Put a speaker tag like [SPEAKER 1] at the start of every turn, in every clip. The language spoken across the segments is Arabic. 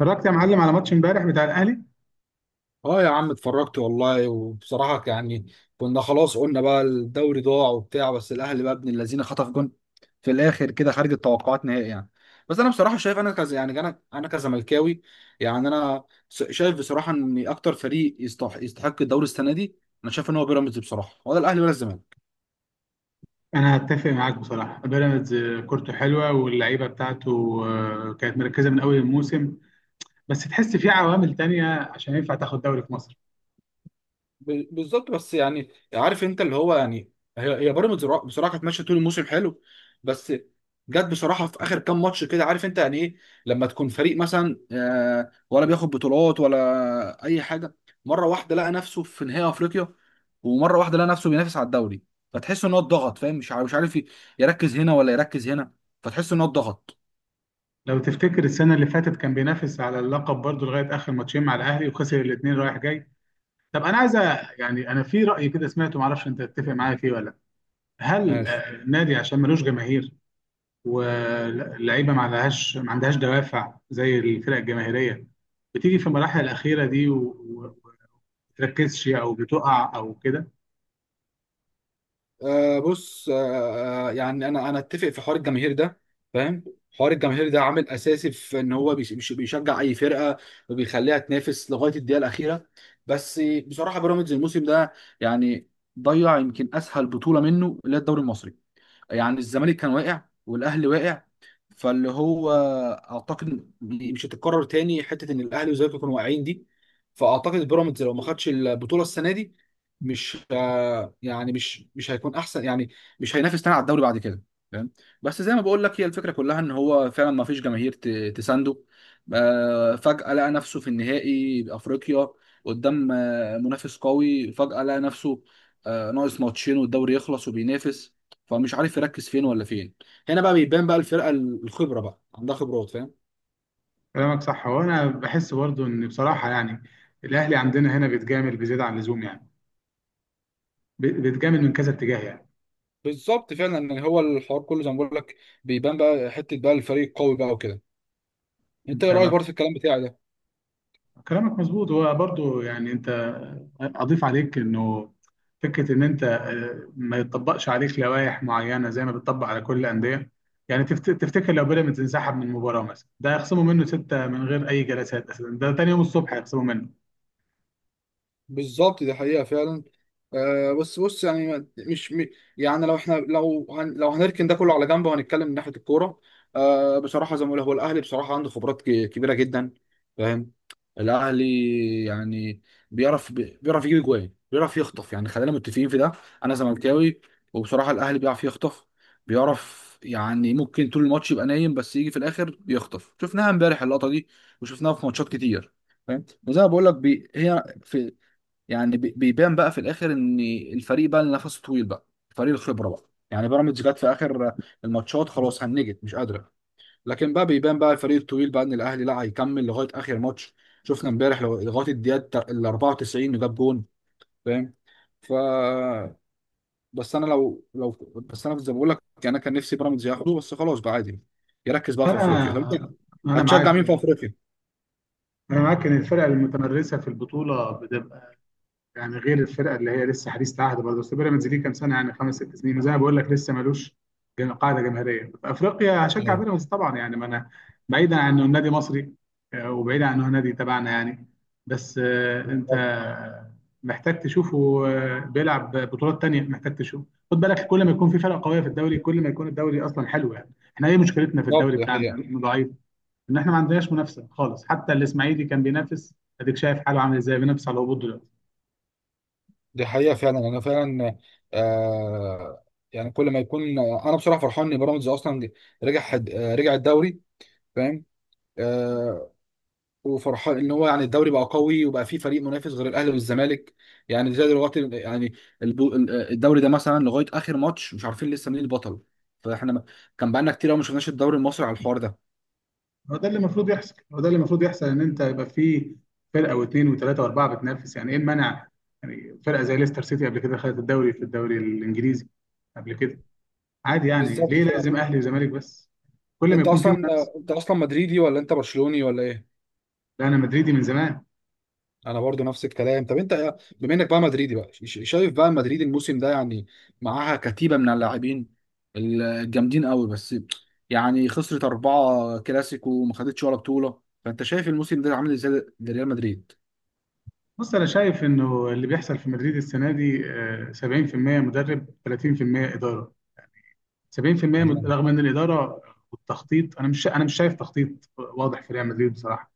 [SPEAKER 1] اتفرجت يا معلم على ماتش امبارح بتاع الاهلي.
[SPEAKER 2] اه يا عم، اتفرجت والله. وبصراحة يعني كنا خلاص قلنا بقى الدوري ضاع وبتاع، بس الأهلي بقى ابن الذين خطف جون في الآخر كده خارج التوقعات نهائي يعني. بس أنا بصراحة شايف، أنا كزملكاوي. يعني أنا شايف بصراحة إن أكتر فريق يستحق الدوري السنة دي. أنا شايف إن هو بيراميدز بصراحة، ولا الأهلي ولا الزمالك.
[SPEAKER 1] انا هتفق معاك بصراحه، بيراميدز كورته حلوه واللعيبه بتاعته كانت مركزه من اول الموسم. بس تحس في عوامل تانية عشان ينفع تاخد دوري في مصر.
[SPEAKER 2] بالظبط، بس يعني عارف انت اللي هو يعني هي بيراميدز بصراحه كانت ماشيه طول الموسم حلو. بس جت بصراحه في اخر كام ماتش كده، عارف انت يعني ايه. لما تكون فريق مثلا ولا بياخد بطولات ولا اي حاجه، مره واحده لقى نفسه في نهائي افريقيا، ومره واحده لقى نفسه بينافس على الدوري. فتحس ان هو اتضغط، فاهم، مش عارف يركز هنا ولا يركز هنا. فتحس ان هو اتضغط.
[SPEAKER 1] لو تفتكر السنه اللي فاتت كان بينافس على اللقب برضه لغايه اخر ماتشين مع الاهلي وخسر الاثنين رايح جاي. طب انا عايز يعني انا في راي كده سمعته، معرفش انت تتفق معايا فيه ولا لأ. هل
[SPEAKER 2] ماشي.
[SPEAKER 1] النادي عشان ملوش جماهير واللعيبه ما عندهاش دوافع زي الفرق الجماهيريه، بتيجي في المراحل الاخيره دي وما بتركزش او بتقع او كده؟
[SPEAKER 2] آه بص، يعني انا اتفق في حوار الجماهير ده، فاهم. حوار الجماهير ده عامل اساسي في ان هو بيشجع اي فرقه، وبيخليها تنافس لغايه الدقيقه الاخيره. بس بصراحه بيراميدز الموسم ده يعني ضيع يمكن اسهل بطوله منه اللي هي الدوري المصري. يعني الزمالك كان واقع والاهلي واقع. فاللي هو اعتقد مش هتتكرر تاني حته ان الاهلي والزمالك يكونوا واقعين دي. فاعتقد بيراميدز لو ما خدش البطوله السنه دي مش يعني مش هيكون احسن يعني. مش هينافس تاني على الدوري بعد كده، فاهم. بس زي ما بقول لك، هي الفكره كلها ان هو فعلا ما فيش جماهير تسانده. فجاه لقى نفسه في النهائي بافريقيا، قدام منافس قوي، فجاه لقى نفسه ناقص ماتشين والدوري يخلص وبينافس. فمش عارف يركز فين ولا فين. هنا بقى بيبان بقى الفرقه الخبره بقى عندها خبرات، فاهم.
[SPEAKER 1] كلامك صح، وانا بحس برضو ان بصراحه يعني الاهلي عندنا هنا بيتجامل بزياده عن اللزوم يعني، بيتجامل من كذا اتجاه يعني.
[SPEAKER 2] بالظبط فعلا، يعني هو الحوار كله زي ما بقول لك بيبان بقى حته بقى الفريق القوي بقى وكده. انت
[SPEAKER 1] انت
[SPEAKER 2] ايه رايك برضه في الكلام بتاعي ده؟
[SPEAKER 1] كلامك مظبوط، هو برضو يعني. انت اضيف عليك انه فكره ان انت ما يطبقش عليك لوائح معينه زي ما بتطبق على كل الانديه. يعني تفتكر لو بيراميدز انسحب من المباراه مثلا ده هيخصموا منه سته من غير اي جلسات؟ اساسا ده تاني يوم الصبح هيخصموا منه.
[SPEAKER 2] بالظبط، دي حقيقة فعلا. آه بس بص، يعني ما- مش م- يعني لو احنا لو هن لو هنركن ده كله على جنب، وهنتكلم من ناحية الكورة. آه بصراحة زي ما بقول هو الأهلي بصراحة عنده خبرات كبيرة جدا، فاهم. الأهلي يعني بيعرف يجيب جوان، بيعرف يخطف، يعني خلينا متفقين في ده. أنا زملكاوي، وبصراحة الأهلي بيعرف يخطف. بيعرف يعني ممكن طول الماتش يبقى نايم، بس يجي في الآخر يخطف، شفناها امبارح اللقطة دي، وشفناها في ماتشات كتير، فاهم. وزي ما بقول لك بي... هي في يعني بي- بيبان بقى في الاخر ان الفريق بقى اللي نفسه طويل بقى، فريق الخبره بقى. يعني بيراميدز جت في اخر الماتشات، خلاص هنجت مش قادره. لكن بقى بيبان بقى الفريق الطويل بقى ان الاهلي لا هيكمل لغايه اخر ماتش. شفنا امبارح لغايه الدقيقه ال 94 جاب جون، فاهم. ف بس انا لو لو بس انا زي ما بقول لك، انا كان نفسي بيراميدز ياخده، بس خلاص بقى عادي، يركز بقى في افريقيا. طب انت
[SPEAKER 1] فانا
[SPEAKER 2] هتشجع
[SPEAKER 1] معاك
[SPEAKER 2] مين في
[SPEAKER 1] يعني،
[SPEAKER 2] افريقيا؟
[SPEAKER 1] انا معاك ان الفرق المتمرسه في البطوله، يعني غير الفرقه اللي هي لسه حديث العهد برضه. بس بيراميدز ليه كام سنه يعني، خمس ست سنين، زي ما بقول لك لسه ملوش قاعده جماهيريه في افريقيا. هشجع
[SPEAKER 2] ايوه.
[SPEAKER 1] بيراميدز طبعا يعني، ما انا بعيدا عن انه نادي مصري، وبعيدا عن انه نادي تبعنا يعني. بس انت
[SPEAKER 2] بالظبط.
[SPEAKER 1] محتاج تشوفه بيلعب بطولات تانية، محتاج تشوفه. خد بالك، كل ما يكون في فرقه قويه في الدوري كل ما يكون الدوري اصلا حلو. يعني احنا ايه مشكلتنا في الدوري
[SPEAKER 2] بالظبط، دي
[SPEAKER 1] بتاعنا؟
[SPEAKER 2] حقيقة.
[SPEAKER 1] انه ضعيف، ان احنا ما عندناش منافسه خالص. حتى الاسماعيلي كان بينافس، اديك شايف حاله عامل ازاي، بينافس على الهبوط دلوقتي.
[SPEAKER 2] دي حقيقة فعلا، أنا فعلا آه يعني كل ما يكون، أنا بصراحة فرحان إن بيراميدز أصلا رجع. رجع الدوري، فاهم، آه. وفرحان إن هو يعني الدوري بقى قوي، وبقى فيه فريق منافس غير الأهلي والزمالك. يعني زي دلوقتي يعني البو- الدوري ده مثلا لغاية آخر ماتش مش عارفين لسه مين البطل. فإحنا ما- كان بقالنا كتير أوي ما شفناش الدوري المصري على الحوار ده.
[SPEAKER 1] هو ده اللي المفروض يحصل، هو ده اللي المفروض يحصل، ان انت يبقى في فرقه واثنين وثلاثه واربعه بتنافس. يعني ايه المنع؟ يعني فرقه زي ليستر سيتي قبل كده خدت الدوري في الدوري الانجليزي قبل كده. عادي يعني،
[SPEAKER 2] بالظبط
[SPEAKER 1] ليه
[SPEAKER 2] فعلا.
[SPEAKER 1] لازم اهلي وزمالك بس؟ كل ما
[SPEAKER 2] أنت
[SPEAKER 1] يكون في
[SPEAKER 2] أصلا
[SPEAKER 1] منافسه.
[SPEAKER 2] أنت أصلا مدريدي ولا أنت برشلوني ولا إيه؟
[SPEAKER 1] لا، انا مدريدي من زمان.
[SPEAKER 2] انا برضو نفس الكلام. طب انت بما انك بقى مدريدي بقى شايف بقى مدريد الموسم ده، يعني معاها كتيبة من اللاعبين الجامدين قوي، بس يعني خسرت أربعة كلاسيكو وما خدتش ولا بطولة، فانت شايف الموسم ده عامل ازاي لريال مدريد.
[SPEAKER 1] بص، انا شايف انه اللي بيحصل في مدريد السنه دي 70% مدرب، 30% اداره. 70%،
[SPEAKER 2] مم.
[SPEAKER 1] رغم ان الاداره والتخطيط، انا مش شايف تخطيط واضح في ريال مدريد بصراحه.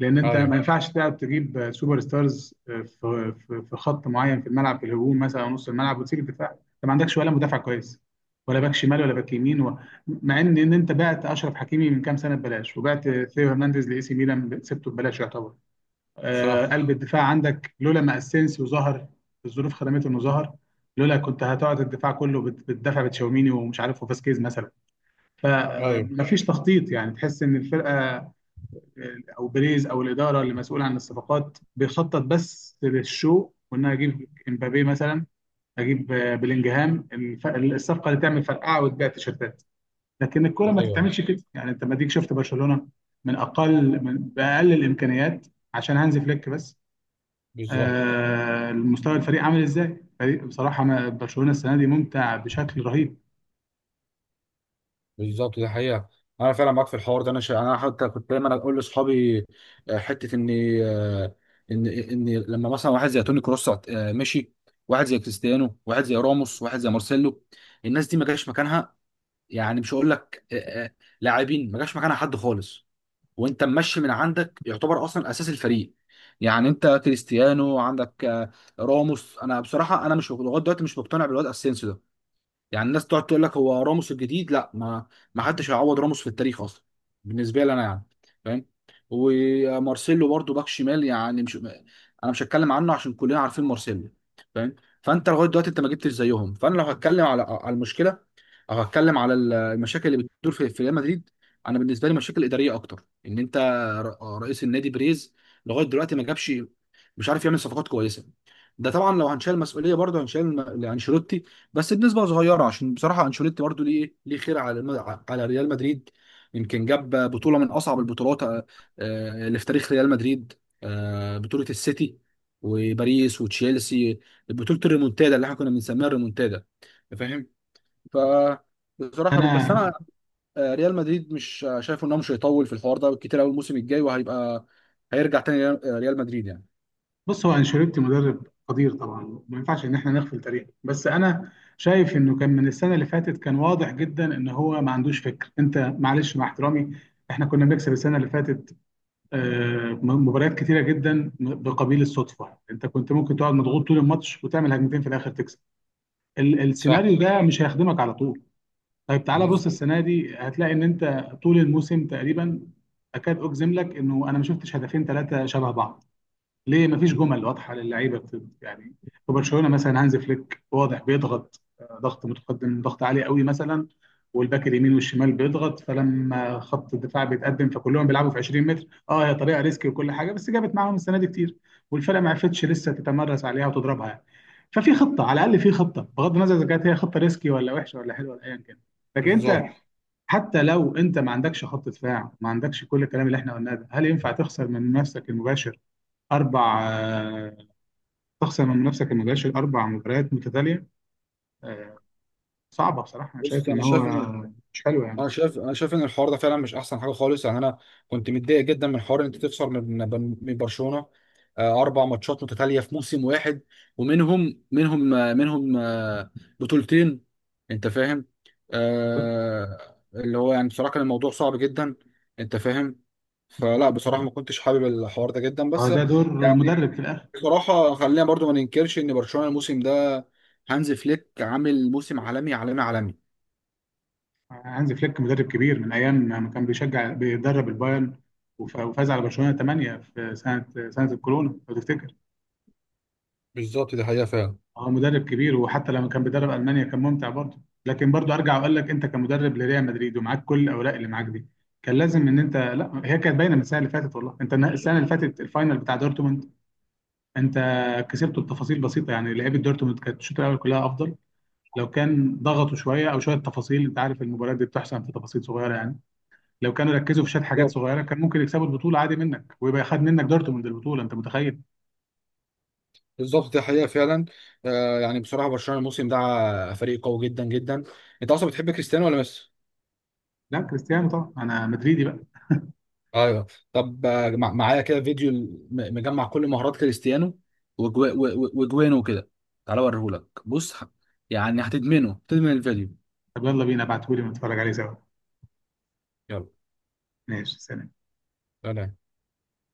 [SPEAKER 1] لان انت
[SPEAKER 2] ايوه.
[SPEAKER 1] ما ينفعش تلعب تجيب سوبر ستارز في خط معين في الملعب، في الهجوم مثلا او نص الملعب، وتسيب الدفاع. انت ما عندكش ولا مدافع كويس، ولا باك شمال ولا باك يمين مع ان انت بعت اشرف حكيمي من كام سنه ببلاش، وبعت ثيو هرنانديز لاي سي ميلان سبته ببلاش يعتبر.
[SPEAKER 2] صح.
[SPEAKER 1] قلب الدفاع عندك لولا ما اسينسيو ظهر، الظروف خدمته انه ظهر. لولا كنت هتقعد الدفاع كله بتدافع بتشاوميني ومش عارف وفاسكيز مثلا.
[SPEAKER 2] ايوه.
[SPEAKER 1] فمفيش تخطيط يعني، تحس ان الفرقه او بريز او الاداره اللي مسؤوله عن الصفقات بيخطط بس للشو، وان انا اجيب امبابي مثلا، اجيب بلينجهام، الصفقه اللي تعمل فرقعه وتبيع تيشيرتات. لكن الكوره ما
[SPEAKER 2] ايوه.
[SPEAKER 1] تتعملش كده يعني، انت ما ديك شفت برشلونه من باقل الامكانيات عشان هانز فليك بس.
[SPEAKER 2] بالظبط.
[SPEAKER 1] المستوى، الفريق عامل ازاي؟ فريق بصراحه، ما برشلونه السنه دي ممتع بشكل رهيب.
[SPEAKER 2] بالظبط، دي حقيقة. أنا فعلا معاك في الحوار ده، أنا أنا حتى كنت دايما أقول لأصحابي حتة إن، آه، إن لما مثلا واحد زي توني كروس مشي. واحد زي كريستيانو، واحد زي راموس، واحد زي مارسيلو، الناس دي ما جاش مكانها. يعني مش هقول لك آه، لاعبين ما جاش مكانها حد خالص. وأنت ممشي من عندك يعتبر أصلا أساس الفريق. يعني أنت كريستيانو عندك راموس. أنا بصراحة أنا مش لغاية دلوقتي مش مقتنع بالواد أسينسيو ده. يعني الناس تقعد تقول لك هو راموس الجديد، لا، ما حدش هيعوض راموس في التاريخ اصلا، بالنسبه لي انا يعني، فاهم. ومارسيلو برضو باك شمال، يعني مش، انا مش هتكلم عنه عشان كلنا عارفين مارسيلو، فاهم. فانت لغايه دلوقتي انت ما جبتش زيهم، فانا لو هتكلم على المشكله، او هتكلم على المشاكل اللي بتدور في ريال مدريد. انا بالنسبه لي مشاكل اداريه اكتر، ان انت رئيس النادي بريز لغايه دلوقتي ما جابش، مش عارف يعمل صفقات كويسه. ده طبعا لو هنشيل مسؤوليه، برضه هنشيل انشيلوتي، بس بنسبه صغيره عشان بصراحه انشيلوتي برضو ليه خير على على ريال مدريد. يمكن جاب بطوله من اصعب البطولات اللي في تاريخ ريال مدريد، بطوله السيتي وباريس وتشيلسي، بطوله الريمونتادا اللي احنا كنا بنسميها الريمونتادا، فاهم. ف بصراحه بس
[SPEAKER 1] انا
[SPEAKER 2] انا ريال مدريد مش شايف انه مش هيطول في الحوار ده كتير قوي الموسم الجاي، وهيبقى هيرجع تاني ريال مدريد يعني.
[SPEAKER 1] بص، هو انشيلوتي مدرب قدير طبعا، ما ينفعش ان احنا نغفل تاريخه. بس انا شايف انه كان من السنه اللي فاتت كان واضح جدا ان هو ما عندوش فكر. انت معلش مع احترامي، احنا كنا بنكسب السنه اللي فاتت مباريات كتيره جدا بقبيل الصدفه. انت كنت ممكن تقعد مضغوط طول الماتش وتعمل هجمتين في الاخر تكسب.
[SPEAKER 2] صح.
[SPEAKER 1] السيناريو ده مش هيخدمك على طول. طيب، تعالى بص،
[SPEAKER 2] بالظبط.
[SPEAKER 1] السنه دي هتلاقي ان انت طول الموسم تقريبا، اكاد اجزم لك انه انا ما شفتش هدفين ثلاثه شبه بعض. ليه مفيش جمل واضحه للعيبه يعني؟ في برشلونه مثلا هانز فليك واضح بيضغط، ضغط متقدم ضغط عالي قوي مثلا. والباك اليمين والشمال بيضغط، فلما خط الدفاع بيتقدم فكلهم بيلعبوا في 20 متر. اه هي طريقه ريسكي وكل حاجه، بس جابت معاهم السنه دي كتير. والفرقه ما عرفتش لسه تتمرس عليها وتضربها يعني. ففي خطه على الاقل، في خطه، بغض النظر اذا كانت هي خطه ريسكي ولا وحشه ولا حلوه ولا ايا كان. لكن انت،
[SPEAKER 2] بالظبط.
[SPEAKER 1] حتى لو انت ما عندكش خط دفاع، ما عندكش كل الكلام اللي احنا قلناه ده، هل ينفع تخسر من منافسك المباشر اربع؟ تخسر من نفسك ما جاش الاربع مباريات متتاليه. آه، صعبه بصراحه، انا
[SPEAKER 2] بص
[SPEAKER 1] شايف ان
[SPEAKER 2] انا
[SPEAKER 1] هو
[SPEAKER 2] شايف ان
[SPEAKER 1] مش حلو يعني.
[SPEAKER 2] انا شايف انا شايف ان الحوار ده فعلا مش احسن حاجه خالص، يعني انا كنت متضايق جدا من حوار ان انت تخسر من برشلونه، اربع ماتشات متتاليه في موسم واحد، ومنهم منهم آه، منهم آه، بطولتين. انت فاهم. آه، اللي هو يعني بصراحه كان الموضوع صعب جدا، انت فاهم. فلا بصراحه ما كنتش حابب الحوار ده جدا. بس
[SPEAKER 1] ده دور
[SPEAKER 2] يعني
[SPEAKER 1] مدرب في الاخر.
[SPEAKER 2] بصراحه خلينا برضو ما ننكرش ان برشلونه الموسم ده هانز فليك عامل موسم عالمي عالمي عالمي.
[SPEAKER 1] هانز فليك مدرب كبير من ايام ما كان بيدرب البايرن، وفاز على برشلونه 8 في سنه الكورونا لو تفتكر.
[SPEAKER 2] بالظبط دي حقيقه فعلا.
[SPEAKER 1] هو مدرب كبير، وحتى لما كان بيدرب المانيا كان ممتع برضه. لكن برضه ارجع واقول لك، انت كمدرب لريال مدريد ومعاك كل الاوراق اللي معاك دي، كان لازم ان انت. لا، هي كانت باينه من السنه اللي فاتت والله. انت السنه اللي فاتت الفاينل بتاع دورتموند انت كسبته بتفاصيل بسيطه، يعني لعيبه دورتموند كانت الشوط الاول كلها افضل. لو كان ضغطوا شويه، او شويه تفاصيل، انت عارف المباريات دي بتحسن في تفاصيل صغيره يعني. لو كانوا ركزوا في شويه حاجات صغيره كان ممكن يكسبوا البطوله عادي منك، ويبقى خد منك دورتموند البطوله، انت متخيل؟
[SPEAKER 2] بالظبط دي حقيقة فعلا، يعني بصراحة برشلونة الموسم ده فريق قوي جدا جدا. انت اصلا بتحب كريستيانو ولا ميسي؟
[SPEAKER 1] لا، كريستيانو طبعا، انا مدريدي بقى.
[SPEAKER 2] ايوه. طب معايا كده فيديو مجمع كل مهارات كريستيانو وجوانه كده. تعالى اوريهولك، بص، يعني هتدمنه، تدمن الفيديو.
[SPEAKER 1] طب يلا بينا، ابعتهولي ونتفرج عليه سوا.
[SPEAKER 2] يلا.
[SPEAKER 1] ماشي، سلام.
[SPEAKER 2] سلام.